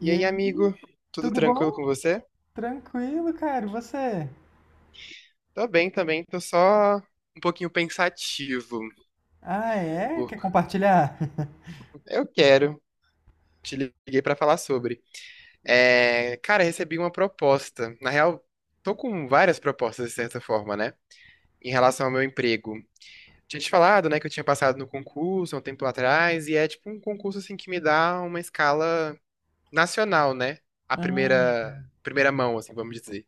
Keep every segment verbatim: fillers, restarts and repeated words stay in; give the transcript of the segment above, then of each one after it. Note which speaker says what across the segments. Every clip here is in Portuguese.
Speaker 1: E
Speaker 2: E aí,
Speaker 1: aí, amigo? Tudo
Speaker 2: tudo
Speaker 1: tranquilo com
Speaker 2: bom?
Speaker 1: você?
Speaker 2: Tranquilo, cara. E você?
Speaker 1: Tô bem também, tô só um pouquinho pensativo.
Speaker 2: Ah, é?
Speaker 1: por-
Speaker 2: Quer compartilhar?
Speaker 1: Eu quero, te liguei pra falar sobre. É, cara, recebi uma proposta. Na real, tô com várias propostas de certa forma, né? Em relação ao meu emprego. Tinha te falado, né, que eu tinha passado no concurso há um tempo atrás, e é tipo um concurso assim que me dá uma escala nacional, né? A
Speaker 2: Ah,
Speaker 1: primeira, primeira mão, assim, vamos dizer.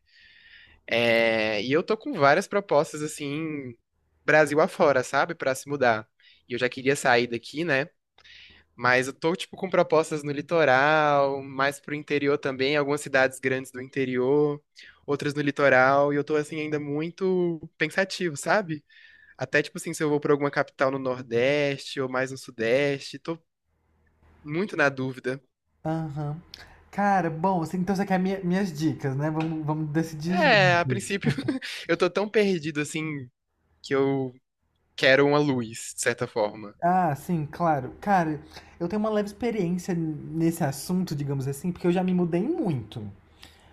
Speaker 1: É, e eu tô com várias propostas assim Brasil afora, sabe? Pra se mudar. E eu já queria sair daqui, né? Mas eu tô, tipo, com propostas no litoral, mais pro interior também, algumas cidades grandes do interior, outras no litoral, e eu tô, assim, ainda muito pensativo, sabe? Até, tipo assim, se eu vou pra alguma capital no Nordeste ou mais no Sudeste, tô muito na dúvida.
Speaker 2: aham. Cara, bom, assim, então você quer minha- minhas dicas, né? Vamos, vamos decidir
Speaker 1: É, a
Speaker 2: juntos.
Speaker 1: princípio, eu tô tão perdido, assim, que eu quero uma luz, de certa forma.
Speaker 2: Ah, sim, claro. Cara, eu tenho uma leve experiência nesse assunto, digamos assim, porque eu já me mudei muito.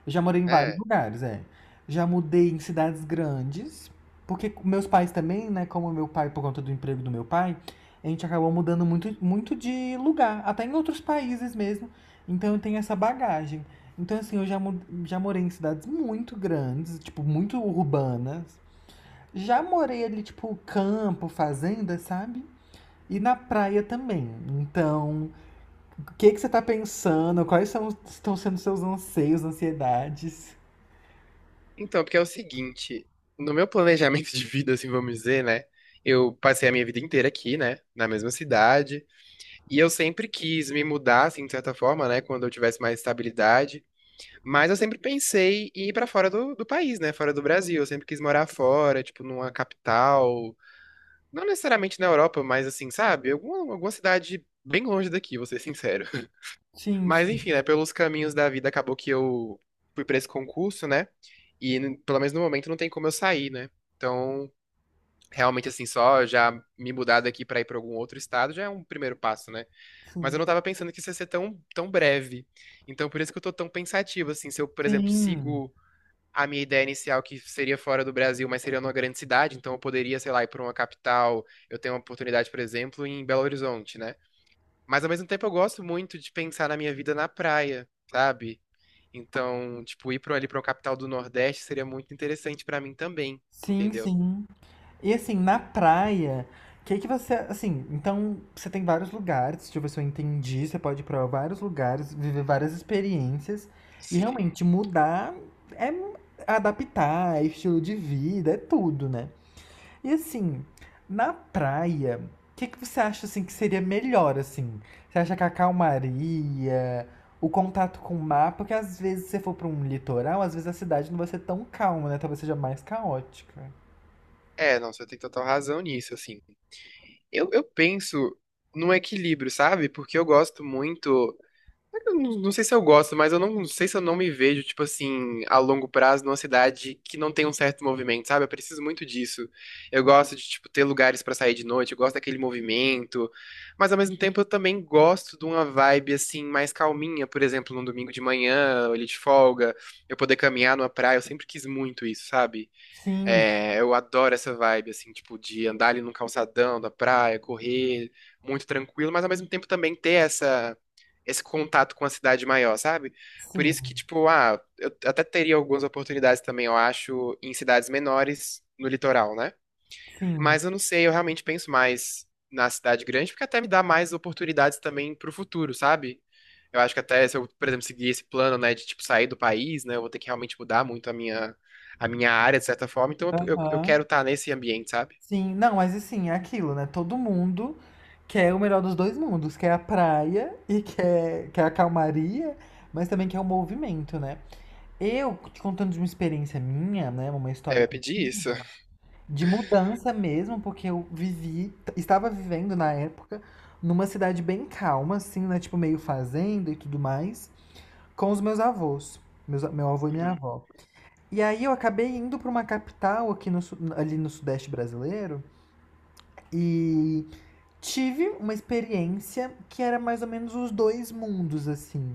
Speaker 2: Eu já morei em vários
Speaker 1: É.
Speaker 2: lugares, é. Já mudei em cidades grandes, porque meus pais também, né? Como meu pai, por conta do emprego do meu pai, a gente acabou mudando muito, muito de lugar, até em outros países mesmo. Então eu tenho essa bagagem. Então, assim, eu já, mu- já morei em cidades muito grandes, tipo, muito urbanas. Já morei ali, tipo, campo, fazenda, sabe? E na praia também. Então, o que que você tá pensando? Quais são, estão sendo seus anseios, ansiedades?
Speaker 1: Então, porque é o seguinte, no meu planejamento de vida, assim, vamos dizer, né? Eu passei a minha vida inteira aqui, né? Na mesma cidade. E eu sempre quis me mudar, assim, de certa forma, né? Quando eu tivesse mais estabilidade. Mas eu sempre pensei em ir pra fora do, do país, né? Fora do Brasil. Eu sempre quis morar fora, tipo, numa capital. Não necessariamente na Europa, mas assim, sabe? Alguma, alguma cidade bem longe daqui, vou ser sincero.
Speaker 2: Sim,
Speaker 1: Mas
Speaker 2: sim,
Speaker 1: enfim, né? Pelos caminhos da vida, acabou que eu fui pra esse concurso, né? E n- pelo menos no momento não tem como eu sair, né? Então, realmente assim, só já me mudar daqui pra ir pra algum outro estado já é um primeiro passo, né? Mas eu
Speaker 2: sim.
Speaker 1: não tava pensando que isso ia ser tão, tão breve. Então, por isso que eu tô tão pensativo, assim, se eu, por exemplo,
Speaker 2: Sim,
Speaker 1: sigo a minha ideia inicial que seria fora do Brasil, mas seria numa grande cidade, então eu poderia, sei lá, ir pra uma capital, eu tenho uma oportunidade, por exemplo, em Belo Horizonte, né? Mas ao mesmo tempo eu gosto muito de pensar na minha vida na praia. Sabe? Então, tipo, ir pra, ali pra uma capital do Nordeste seria muito interessante pra mim também,
Speaker 2: sim,
Speaker 1: entendeu?
Speaker 2: sim. E assim, na praia, o que que você, assim, então você tem vários lugares, deixa eu ver se eu entendi, você pode ir pra vários lugares, viver várias experiências e
Speaker 1: Sim.
Speaker 2: realmente mudar é adaptar, é estilo de vida, é tudo, né? E assim, na praia, o que que você acha assim que seria melhor assim? Você acha que a calmaria, o contato com o mar, porque às vezes se você for para um litoral, às vezes a cidade não vai ser tão calma, né? Talvez seja mais caótica.
Speaker 1: É, não, você tem total razão nisso, assim. Eu, eu penso num equilíbrio, sabe? Porque eu gosto muito. Eu Não não sei se eu gosto, mas eu não sei se eu não me vejo, tipo assim, a longo prazo numa cidade que não tem um certo movimento, sabe? Eu preciso muito disso. Eu gosto de, tipo, ter lugares pra sair de noite, eu gosto daquele movimento, mas ao mesmo tempo eu também gosto de uma vibe, assim, mais calminha, por exemplo, num domingo de manhã, ali de folga, eu poder caminhar numa praia, eu sempre quis muito isso, sabe?
Speaker 2: Sim,
Speaker 1: É, eu adoro essa vibe, assim, tipo, de andar ali no calçadão da praia, correr, muito tranquilo, mas ao mesmo tempo também ter essa, esse contato com a cidade maior, sabe? Por
Speaker 2: sim,
Speaker 1: isso que, tipo, ah, eu até teria algumas oportunidades também, eu acho, em cidades menores no litoral, né?
Speaker 2: sim.
Speaker 1: Mas eu não sei, eu realmente penso mais na cidade grande, porque até me dá mais oportunidades também pro futuro, sabe? Eu acho que até se eu, por exemplo, seguir esse plano, né, de tipo sair do país, né, eu vou ter que realmente mudar muito a minha, a minha área, de certa forma. Então eu, eu, eu
Speaker 2: Aham.
Speaker 1: quero estar nesse ambiente, sabe?
Speaker 2: Sim, não, mas assim, é aquilo, né? Todo mundo quer o melhor dos dois mundos, quer a praia e quer, quer a calmaria, mas também quer o movimento, né? Eu te contando de uma experiência minha, né, uma
Speaker 1: É, eu
Speaker 2: história
Speaker 1: ia
Speaker 2: que eu
Speaker 1: pedir isso.
Speaker 2: tive, de mudança mesmo, porque eu vivi, estava vivendo na época numa cidade bem calma, assim, né, tipo meio fazenda e tudo mais, com os meus avós, meus, meu avô e minha
Speaker 1: Uhum,
Speaker 2: avó. E aí eu acabei indo para uma capital aqui no, su- ali no sudeste brasileiro e tive uma experiência que era mais ou menos os dois mundos, assim.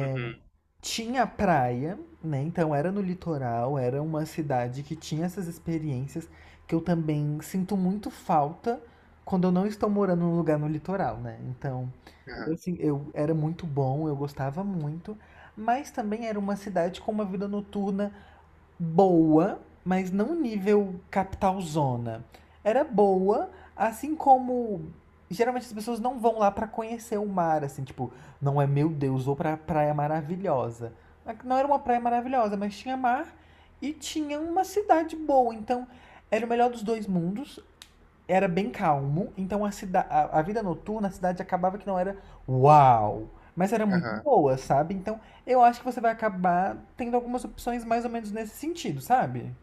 Speaker 1: uhum,
Speaker 2: Tinha praia, né? Então era no litoral, era uma cidade que tinha essas experiências que eu também sinto muito falta quando eu não estou morando num lugar no litoral, né? Então, eu,
Speaker 1: aham,
Speaker 2: assim, eu era muito bom, eu gostava muito, mas também era uma cidade com uma vida noturna boa, mas não nível capital zona. Era boa, assim como geralmente as pessoas não vão lá pra conhecer o mar, assim, tipo, não é meu Deus, vou pra praia maravilhosa. Não era uma praia maravilhosa, mas tinha mar e tinha uma cidade boa, então era o melhor dos dois mundos, era bem calmo, então a, cida a, a vida noturna, a cidade acabava que não era uau, mas era muito
Speaker 1: aham.
Speaker 2: boa, sabe? Então eu acho que você vai acabar tendo algumas opções mais ou menos nesse sentido, sabe?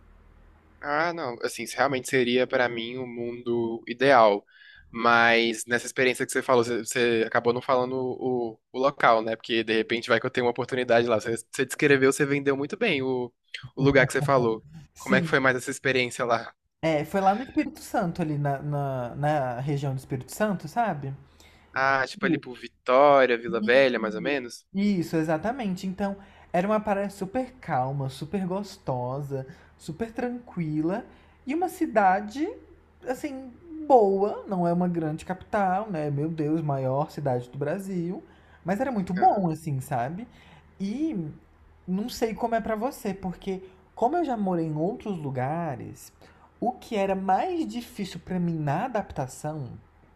Speaker 1: Ah, não, assim, isso realmente seria para mim o mundo ideal. Mas nessa experiência que você falou, você, você acabou não falando o, o local, né? Porque de repente vai que eu tenho uma oportunidade lá. Você, você descreveu, você vendeu muito bem o, o lugar que você falou. Como é que foi
Speaker 2: Sim.
Speaker 1: mais essa experiência lá?
Speaker 2: É, foi lá no Espírito Santo, ali na, na, na região do Espírito Santo, sabe?
Speaker 1: Ah, tipo ali por Vitória, Vila Velha, mais ou
Speaker 2: Isso,
Speaker 1: menos?
Speaker 2: Isso, exatamente. Então, era uma praia super calma, super gostosa, super tranquila e uma cidade, assim, boa. Não é uma grande capital, né? Meu Deus, maior cidade do Brasil. Mas era muito bom,
Speaker 1: Aham.
Speaker 2: assim, sabe? E não sei como é pra você, porque como eu já morei em outros lugares, o que era mais difícil pra mim na adaptação,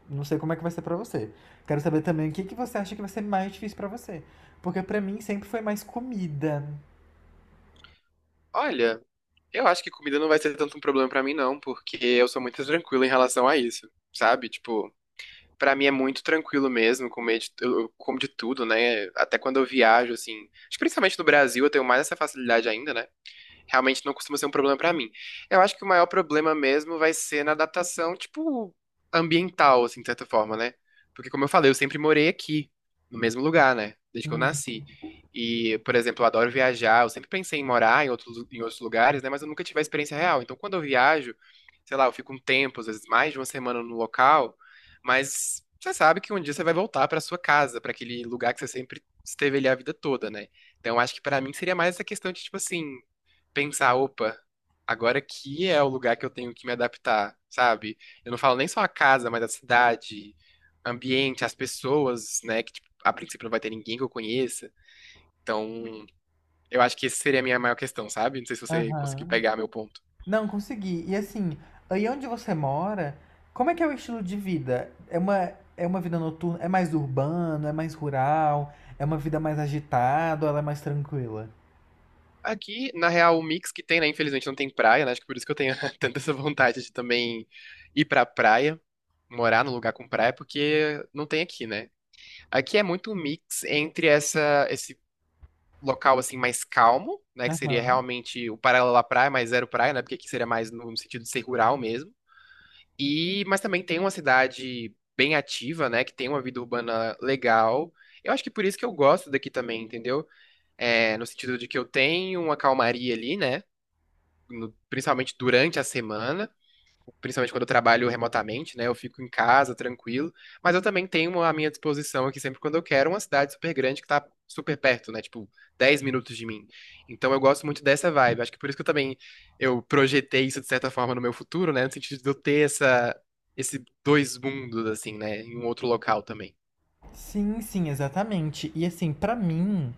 Speaker 2: não sei como é que vai ser pra você. Quero saber também o que, que você acha que vai ser mais difícil pra você. Porque pra mim sempre foi mais comida.
Speaker 1: Olha, eu acho que comida não vai ser tanto um problema para mim, não, porque eu sou muito tranquilo em relação a isso, sabe? Tipo. Pra mim é muito tranquilo mesmo, comer de, eu eu como de tudo, né? Até quando eu viajo, assim. Acho que principalmente no Brasil eu tenho mais essa facilidade ainda, né? Realmente não costuma ser um problema pra mim. Eu acho que o maior problema mesmo vai ser na adaptação, tipo, ambiental, assim, de certa forma, né? Porque, como eu falei, eu sempre morei aqui, no mesmo lugar, né? Desde que eu
Speaker 2: Hum.
Speaker 1: nasci. E, por exemplo, eu adoro viajar, eu sempre pensei em morar em outros, em outros lugares, né? Mas eu nunca tive a experiência real. Então, quando eu viajo, sei lá, eu fico um tempo, às vezes mais de uma semana no local, mas você sabe que um dia você vai voltar pra sua casa, pra aquele lugar que você sempre esteve ali a vida toda, né? Então, acho que pra mim seria mais essa questão de, tipo assim, pensar, opa, agora aqui é o lugar que eu tenho que me adaptar, sabe? Eu não falo nem só a casa, mas a cidade, ambiente, as pessoas, né? Que, tipo, a princípio não vai ter ninguém que eu conheça. Então, eu acho que essa seria a minha maior questão, sabe? Não sei se você conseguiu
Speaker 2: Aham.
Speaker 1: pegar meu ponto.
Speaker 2: Não, consegui. E assim, aí onde você mora, como é que é o estilo de vida? É uma, é uma vida noturna? É mais urbano? É mais rural? É uma vida mais agitada ou ela é mais tranquila?
Speaker 1: Aqui, na real, o mix que tem, né? Infelizmente não tem praia, né? Acho que por isso que eu tenho tanta essa vontade de também ir pra praia, morar num lugar com praia, porque não tem aqui, né? Aqui é muito um mix entre essa, local assim mais calmo, né, que seria
Speaker 2: Aham.
Speaker 1: realmente o paralelo à praia, mas zero praia, né, porque aqui seria mais no, no sentido de ser rural mesmo. E mas também tem uma cidade bem ativa, né, que tem uma vida urbana legal. Eu acho que por isso que eu gosto daqui também, entendeu? É, no sentido de que eu tenho uma calmaria ali, né, no- principalmente durante a semana, principalmente quando eu trabalho remotamente, né? Eu fico em casa, tranquilo. Mas eu também tenho à minha disposição aqui, sempre quando eu quero, uma cidade super grande que tá super perto, né? Tipo, dez minutos de mim. Então eu gosto muito dessa vibe. Acho que por isso que eu também eu projetei isso, de certa forma, no meu futuro, né? No sentido de eu ter essa, esse dois mundos, assim, né? Em um outro local também.
Speaker 2: Sim, sim, exatamente. E assim, pra mim.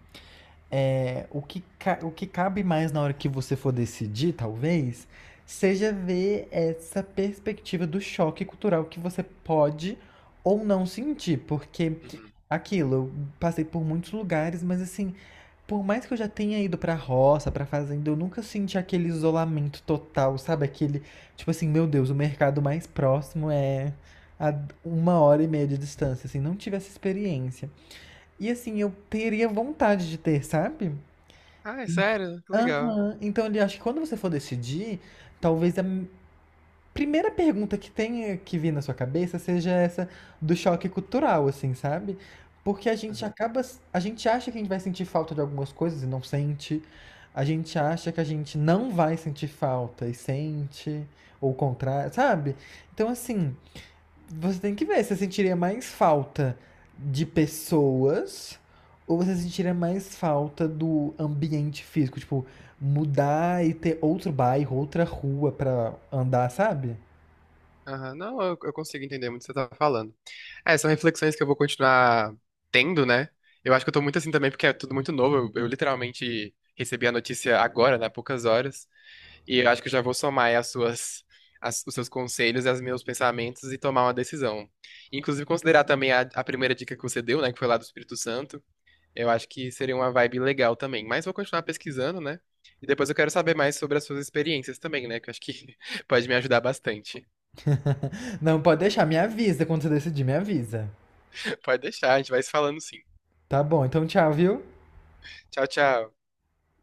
Speaker 2: É, o que, ca- o que cabe mais na hora que você for decidir, talvez, seja ver essa perspectiva do choque cultural que você pode ou não sentir, porque
Speaker 1: Uhum.
Speaker 2: aquilo, eu passei por muitos lugares, mas assim, por mais que eu já tenha ido pra roça, pra fazenda, eu nunca senti aquele isolamento total, sabe? Aquele, tipo assim, meu Deus, o mercado mais próximo é a uma hora e meia de distância, assim, não tive essa experiência. E assim, eu teria vontade de ter, sabe?
Speaker 1: Ah, é sério? Que legal.
Speaker 2: Aham. Então, ele acho que quando você for decidir, talvez a m- primeira pergunta que tenha que vir na sua cabeça seja essa do choque cultural, assim, sabe? Porque a gente
Speaker 1: Uhum.
Speaker 2: acaba, s- a gente acha que a gente vai sentir falta de algumas coisas e não sente. A gente acha que a gente não vai sentir falta e sente, ou o contrário, sabe? Então, assim, você tem que ver, você sentiria mais falta de pessoas ou você sentiria mais falta do ambiente físico? Tipo, mudar e ter outro bairro, outra rua pra andar, sabe?
Speaker 1: Aham, não, eu, eu consigo entender muito o que você tá falando. É, são reflexões que eu vou continuar tendo, né? Eu acho que eu tô muito assim também, porque é tudo muito novo. Eu, eu literalmente recebi a notícia agora, né? Há poucas horas. E eu acho que eu já vou somar aí as suas, as- os seus conselhos e os meus pensamentos e tomar uma decisão. Inclusive, considerar também a, a primeira dica que você deu, né? Que foi lá do Espírito Santo. Eu acho que seria uma vibe legal também. Mas vou continuar pesquisando, né? E depois eu quero saber mais sobre as suas experiências também, né? Que eu acho que pode me ajudar bastante.
Speaker 2: Não, pode deixar, me avisa quando você decidir, me avisa.
Speaker 1: Pode deixar, a gente vai se falando sim.
Speaker 2: Tá bom, então tchau, viu?
Speaker 1: Tchau, tchau.